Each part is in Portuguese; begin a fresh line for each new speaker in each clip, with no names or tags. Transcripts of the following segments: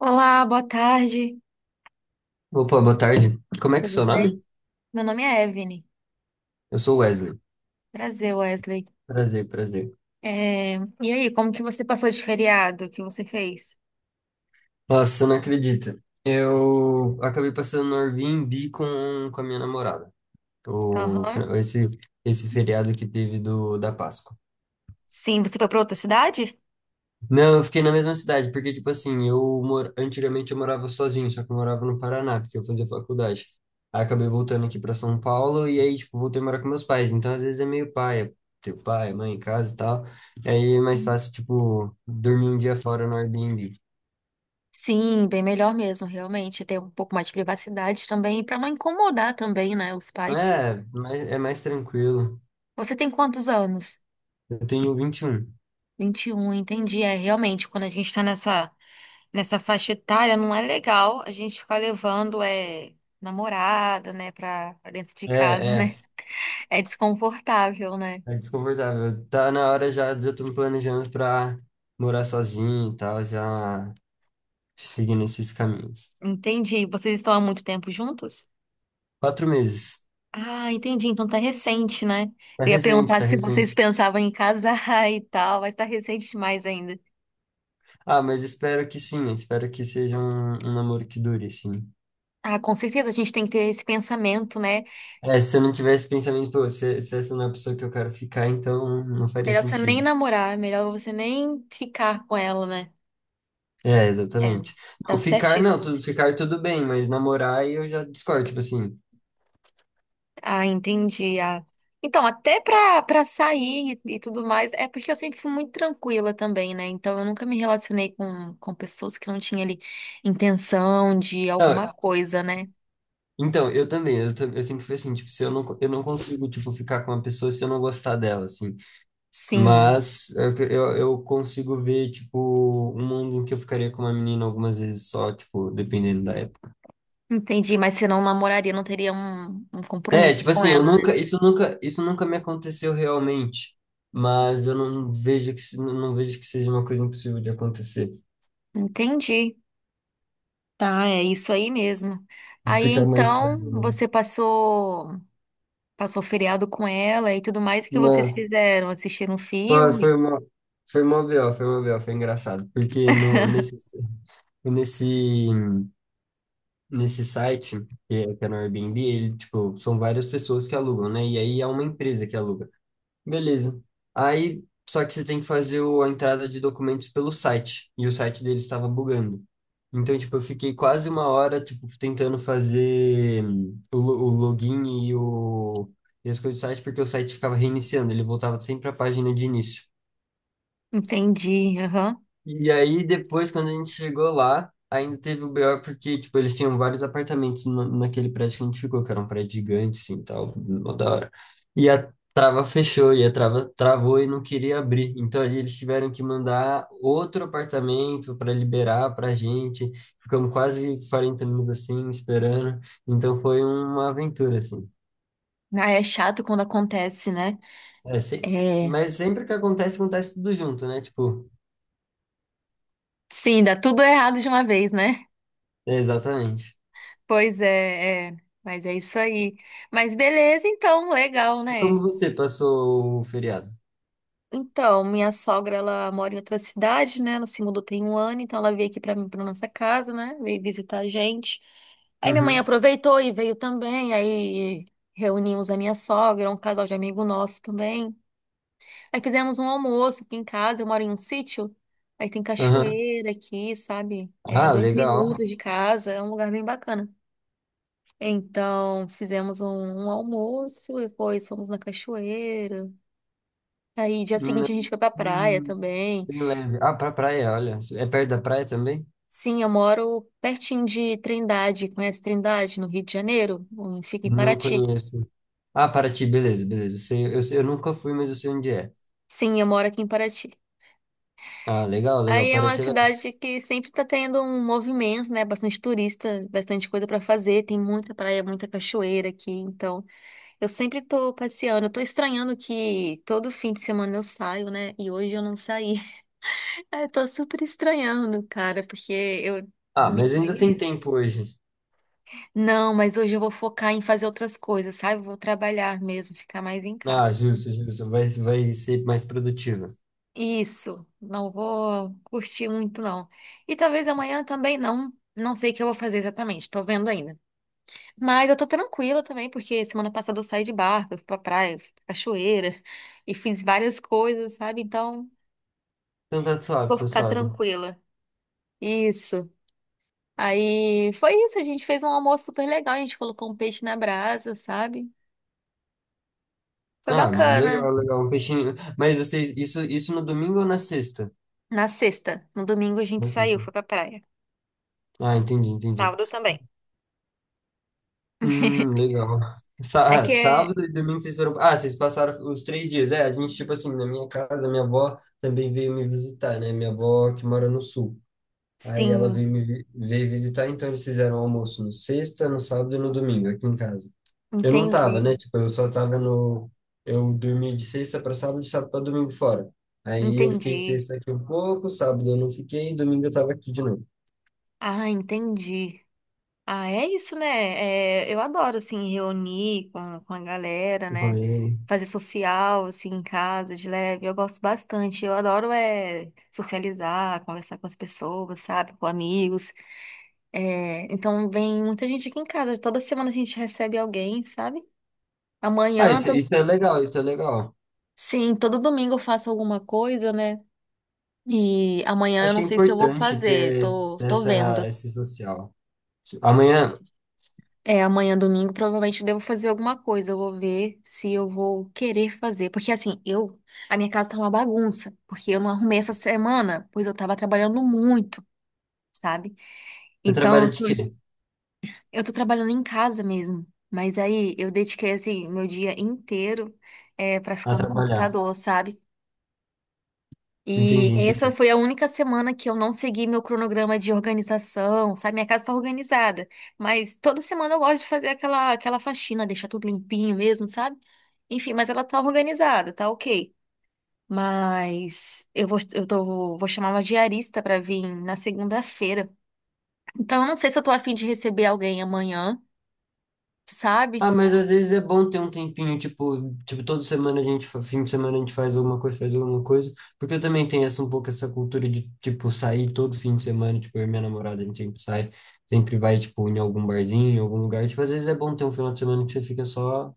Olá, boa tarde,
Opa, boa tarde. Como é que é o
tudo
seu
bem?
nome?
Meu nome é Evelyn.
Eu sou Wesley.
Prazer, Wesley.
Prazer, prazer.
É, E aí, como que você passou de feriado? O que você fez?
Nossa, você não acredita. Eu acabei passando no Airbnb com a minha namorada. O,
Aham.
fina- esse, Esse feriado que teve da Páscoa.
Sim, você foi para outra cidade?
Não, eu fiquei na mesma cidade, porque, tipo assim, antigamente eu morava sozinho, só que eu morava no Paraná, porque eu fazia faculdade. Aí acabei voltando aqui pra São Paulo e aí, tipo, voltei a morar com meus pais. Então, às vezes é meio paia, ter pai, mãe em casa e tal. E aí é mais fácil, tipo, dormir um dia fora no Airbnb.
Sim, bem melhor mesmo, realmente. Ter um pouco mais de privacidade também, para não incomodar também, né, os pais.
É mais tranquilo.
Você tem quantos anos?
Eu tenho 21.
21, entendi. É, realmente, quando a gente tá nessa, nessa faixa etária, não é legal a gente ficar levando namorada, né, pra dentro de
É,
casa,
é,
né? É desconfortável, né?
É desconfortável. Tá na hora já de eu tô me planejando pra morar sozinho e tal, já seguindo esses caminhos.
Entendi. Vocês estão há muito tempo juntos?
Quatro meses.
Ah, entendi. Então tá recente, né?
Tá
Eu ia
recente,
perguntar
tá
se vocês
recente.
pensavam em casar e tal, mas tá recente demais ainda.
Ah, mas espero que sim, espero que seja um namoro que dure, sim.
Ah, com certeza a gente tem que ter esse pensamento, né?
É, se eu não tivesse pensamento, pô, se essa não é a pessoa que eu quero ficar, então não faria
Melhor você nem
sentido.
namorar, melhor você nem ficar com ela, né?
É,
É,
exatamente.
tá
Não, ficar não,
certíssimo.
ficar tudo bem, mas namorar aí eu já discordo, tipo assim.
Ah, entendi. Ah. Então, até pra sair e tudo mais, é porque eu sempre fui muito tranquila também, né? Então, eu nunca me relacionei com pessoas que não tinham ali intenção de
Não,
alguma coisa, né?
então, eu também, eu sempre fui assim, tipo, se eu não consigo, tipo, ficar com uma pessoa se eu não gostar dela, assim.
Sim,
Mas é que eu consigo ver, tipo, um mundo em que eu ficaria com uma menina algumas vezes só, tipo, dependendo da época.
entendi. Mas se não namoraria, não teria um
É,
compromisso
tipo
com
assim, eu
ela, né?
nunca, isso nunca me aconteceu realmente, mas eu não vejo que, não vejo que seja uma coisa impossível de acontecer,
Entendi. Tá, é isso aí mesmo.
de
Aí,
ficar mais
então,
sério, né?
você passou feriado com ela e tudo mais, o que vocês
Nossa,
fizeram? Assistiram um
pô,
filme?
foi uma BO, foi engraçado, porque no, nesse, nesse nesse site, que é no Airbnb, ele, tipo, são várias pessoas que alugam, né? E aí é uma empresa que aluga. Beleza. Aí, só que você tem que fazer a entrada de documentos pelo site, e o site dele estava bugando. Então, tipo, eu fiquei quase uma hora, tipo, tentando fazer o login e as coisas do site, porque o site ficava reiniciando, ele voltava sempre à página de início.
Entendi.
E aí, depois, quando a gente chegou lá, ainda teve o BO porque, tipo, eles tinham vários apartamentos naquele prédio que a gente ficou, que era um prédio gigante, assim, tal, mó da hora. E a trava fechou, e a trava travou e não queria abrir. Então, aí eles tiveram que mandar outro apartamento para liberar pra gente. Ficamos quase 40 minutos, assim, esperando. Então, foi uma aventura, assim.
Ah, é chato quando acontece, né?
É, se-
É.
Mas sempre que acontece, acontece tudo junto, né? Tipo,
Sim, dá tudo errado de uma vez, né?
é, exatamente.
Pois é, é. Mas é isso aí. Mas beleza, então, legal,
E
né?
como você passou o feriado?
Então, minha sogra, ela mora em outra cidade, né? Ela se mudou tem um ano, então ela veio aqui pra mim, pra nossa casa, né? Veio visitar a gente. Aí minha mãe
Uhum.
aproveitou e veio também, aí reunimos a minha sogra, um casal de amigo nosso também. Aí fizemos um almoço aqui em casa, eu moro em um sítio, aí tem
Aham.
cachoeira aqui, sabe? É,
Ah,
dois
legal.
minutos de casa, é um lugar bem bacana. Então, fizemos um almoço, depois fomos na cachoeira. Aí, dia
Não,
seguinte, a gente foi pra praia
hum,
também.
bem leve. Ah, pra praia, olha. É perto da praia também?
Sim, eu moro pertinho de Trindade. Conhece Trindade, no Rio de Janeiro? Fica em
Não
Paraty.
conheço. Ah, Paraty, beleza, beleza. Eu sei, eu nunca fui, mas eu sei onde é.
Sim, eu moro aqui em Paraty.
Ah, legal, legal.
Aí é uma
Paraty é legal.
cidade que sempre tá tendo um movimento, né? Bastante turista, bastante coisa pra fazer. Tem muita praia, muita cachoeira aqui. Então, eu sempre tô passeando. Eu tô estranhando que todo fim de semana eu saio, né? E hoje eu não saí. Aí eu tô super estranhando, cara, porque eu
Ah,
me
mas ainda tem
organizo.
tempo hoje.
Não, mas hoje eu vou focar em fazer outras coisas, sabe? Eu vou trabalhar mesmo, ficar mais em
Ah,
casa.
justo, justo. Vai ser mais produtiva.
Isso, não vou curtir muito, não. E talvez amanhã também não. Não sei o que eu vou fazer exatamente, tô vendo ainda. Mas eu tô tranquila também, porque semana passada eu saí de barco, eu fui pra praia, eu fui pra cachoeira e fiz várias coisas, sabe? Então,
Então tá suave,
vou
tá
ficar
suave.
tranquila. Isso. Aí foi isso, a gente fez um almoço super legal, a gente colocou um peixe na brasa, sabe? Foi
Ah,
bacana.
legal, legal. Um peixinho. Mas vocês, isso no domingo ou na sexta?
Na sexta, no domingo a gente
Na
saiu,
sexta.
foi pra praia.
Ah, entendi, entendi.
Sábado também.
Legal.
É que, é,
Sábado e domingo vocês foram. Ah, vocês passaram os três dias. É, a gente, tipo assim, na minha casa, minha avó também veio me visitar, né? Minha avó que mora no sul. Aí ela
sim.
veio visitar, então eles fizeram almoço no sexta, no sábado e no domingo, aqui em casa. Eu não
Entendi,
tava, né? Tipo, eu só tava no. Eu dormi de sexta para sábado, de sábado para domingo fora. Aí eu fiquei
entendi.
sexta aqui um pouco, sábado eu não fiquei, domingo eu tava aqui de novo.
Ah, entendi. Ah, é isso, né? É, eu adoro, assim, reunir com a galera, né?
Aí-
Fazer social, assim, em casa, de leve. Eu gosto bastante. Eu adoro, é, socializar, conversar com as pessoas, sabe? Com amigos. É, então, vem muita gente aqui em casa. Toda semana a gente recebe alguém, sabe?
Ah,
Amanhã,
isso, isso é legal, isso é legal.
sim, todo domingo eu faço alguma coisa, né? E amanhã eu
Acho que
não
é
sei se eu vou
importante
fazer.
ter
Tô
essa,
vendo.
esse social. Amanhã
É, amanhã, domingo, provavelmente eu devo fazer alguma coisa. Eu vou ver se eu vou querer fazer. Porque assim, a minha casa tá uma bagunça, porque eu não arrumei essa semana, pois eu tava trabalhando muito, sabe?
você
Então,
trabalha
eu
de
tô,
quê?
eu tô trabalhando em casa mesmo. Mas aí eu dediquei assim meu dia inteiro é para
A
ficar no
trabalhar.
computador, sabe? E
Entendi,
essa
entendi.
foi a única semana que eu não segui meu cronograma de organização, sabe? Minha casa está organizada, mas toda semana eu gosto de fazer aquela faxina, deixar tudo limpinho mesmo, sabe? Enfim, mas ela tá organizada, tá ok. Mas eu vou, eu tô, vou chamar uma diarista para vir na segunda-feira. Então eu não sei se eu tô afim de receber alguém amanhã, sabe?
Ah, mas às vezes é bom ter um tempinho, tipo, toda semana a gente, fim de semana a gente faz alguma coisa, porque eu também tenho essa um pouco essa cultura de, tipo, sair todo fim de semana, tipo, eu e minha namorada, a gente sempre sai, sempre vai, tipo, em algum barzinho, em algum lugar, tipo, às vezes é bom ter um final de semana que você fica só,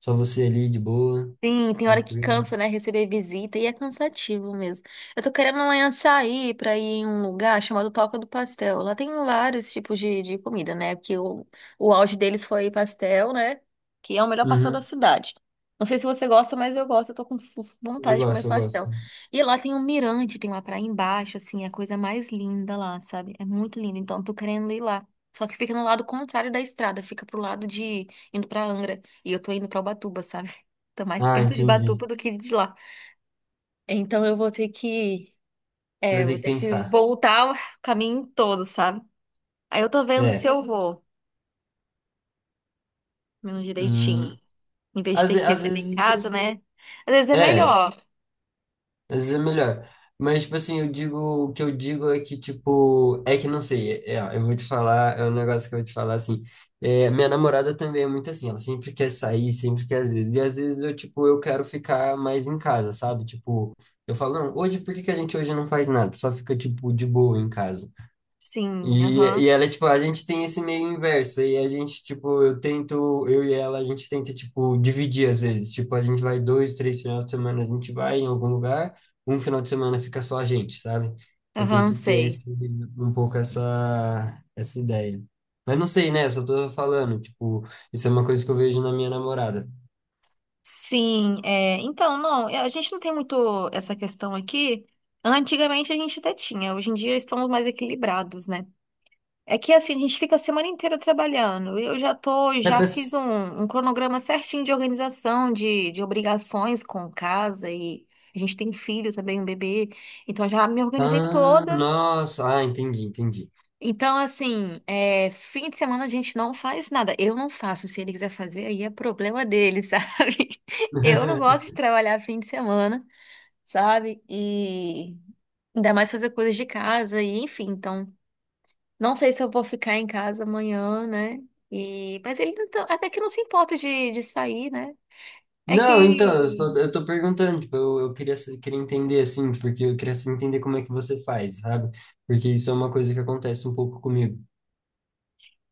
só você ali, de boa,
Sim, tem hora que
tranquilo.
cansa, né? Receber visita e é cansativo mesmo. Eu tô querendo amanhã sair pra ir em um lugar chamado Toca do Pastel. Lá tem vários tipos de comida, né? Porque o auge deles foi pastel, né? Que é o melhor pastel da
Uhum,
cidade. Não sei se você gosta, mas eu gosto. Eu tô com
eu
vontade de comer
gosto, eu gosto.
pastel. E lá tem um mirante, tem uma praia embaixo, assim, é a coisa mais linda lá, sabe? É muito lindo. Então, eu tô querendo ir lá. Só que fica no lado contrário da estrada, fica pro lado de indo pra Angra. E eu tô indo pra Ubatuba, sabe? Tô mais
Ah,
perto de
entendi.
Batuba do que de lá. Então eu vou ter que,
Você vai
é,
ter
vou
que
ter que
pensar.
voltar o caminho todo, sabe? Aí eu tô vendo se
É.
eu vou, mesmo direitinho.
Hum,
Em vez de ter que
às
receber em
vezes.
casa, né? Às vezes é
É, às
melhor.
vezes é melhor. Mas, tipo assim, eu digo. O que eu digo é que, tipo. É que não sei. Ó, eu vou te falar. É um negócio que eu vou te falar assim. É, minha namorada também é muito assim. Ela sempre quer sair, sempre quer às vezes. E às vezes eu, tipo, eu quero ficar mais em casa, sabe? Tipo, eu falo, não, hoje por que que a gente hoje não faz nada? Só fica, tipo, de boa em casa.
Sim,
E,
aham.
e ela, tipo, a gente tem esse meio inverso, e a gente, tipo, eu tento, eu e ela, a gente tenta, tipo, dividir às vezes, tipo, a gente vai dois, três finais de semana, a gente vai em algum lugar, um final de semana fica só a gente, sabe? Eu
Aham,
tento ter esse,
sei.
um pouco essa, essa ideia. Mas não sei, né? Eu só tô falando, tipo, isso é uma coisa que eu vejo na minha namorada.
Sim, é, então, não, é, a gente não tem muito essa questão aqui. Antigamente a gente até tinha, hoje em dia estamos mais equilibrados, né? É que assim, a gente fica a semana inteira trabalhando. Eu já tô,
É,
já fiz
mas-
um cronograma certinho de organização, de obrigações com casa e a gente tem filho também, um bebê. Então já me organizei
Ah,
toda.
nossa, ah, entendi, entendi.
Então, assim, é, fim de semana a gente não faz nada. Eu não faço. Se ele quiser fazer, aí é problema dele, sabe? Eu não gosto de trabalhar fim de semana, sabe? E ainda mais fazer coisas de casa e enfim, então. Não sei se eu vou ficar em casa amanhã, né? E... Mas ele não até que não se importa de sair, né? É
Não, então, eu estou,
que.
eu tô perguntando, tipo, eu queria, queria entender, assim, porque eu queria assim, entender como é que você faz, sabe? Porque isso é uma coisa que acontece um pouco comigo.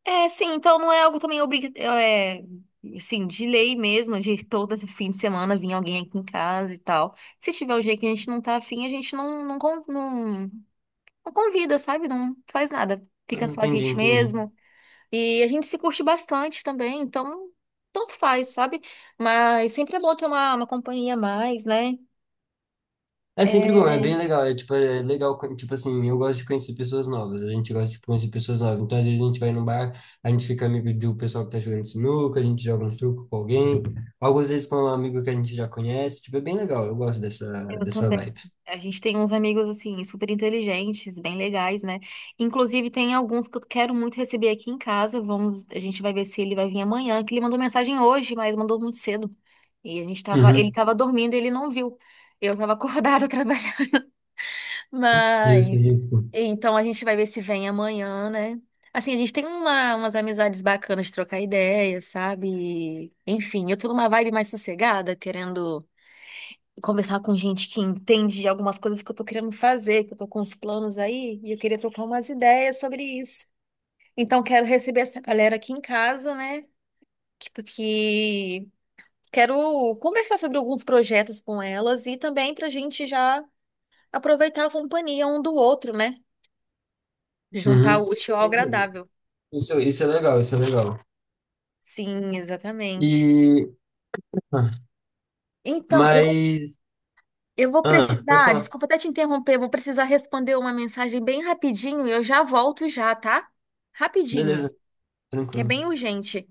Sim, então não é algo também obrigatório. É, assim, de lei mesmo, de todo esse fim de semana vir alguém aqui em casa e tal. Se tiver um dia que a gente não tá afim, a gente não, não, não, não convida, sabe? Não faz nada. Fica
Não,
só a
entendi,
gente
entendi.
mesmo. E a gente se curte bastante também, então tanto faz, sabe? Mas sempre é bom ter uma companhia a mais, né?
É sempre bom, é
É,
bem legal, é, tipo, é legal, quando, tipo assim, eu gosto de conhecer pessoas novas, a gente gosta de conhecer pessoas novas, então às vezes a gente vai no bar, a gente fica amigo de um pessoal que tá jogando sinuca, a gente joga um truco com alguém, algumas vezes com um amigo que a gente já conhece, tipo, é bem legal, eu gosto dessa,
Eu
dessa
também.
vibe.
A gente tem uns amigos, assim, super inteligentes, bem legais, né? Inclusive, tem alguns que eu quero muito receber aqui em casa. A gente vai ver se ele vai vir amanhã, que ele mandou mensagem hoje, mas mandou muito cedo. E a gente tava, ele
Uhum,
tava dormindo, e ele não viu. Eu tava acordada trabalhando.
justo,
Mas,
justo.
então a gente vai ver se vem amanhã, né? Assim, a gente tem uma, umas amizades bacanas de trocar ideias, sabe? Enfim, eu tô numa vibe mais sossegada, querendo conversar com gente que entende de algumas coisas que eu tô querendo fazer, que eu tô com uns planos aí, e eu queria trocar umas ideias sobre isso. Então, quero receber essa galera aqui em casa, né? Que, porque quero conversar sobre alguns projetos com elas e também pra gente já aproveitar a companhia um do outro, né? Juntar
Uhum.
o útil ao agradável.
Isso é legal, isso é legal.
Sim, exatamente.
E. Ah,
Então, eu,
mas.
eu vou
Ah, pode
precisar,
falar.
desculpa até te interromper, vou precisar responder uma mensagem bem rapidinho e eu já volto já, tá? Rapidinho.
Beleza,
Que é
tranquilo.
bem urgente.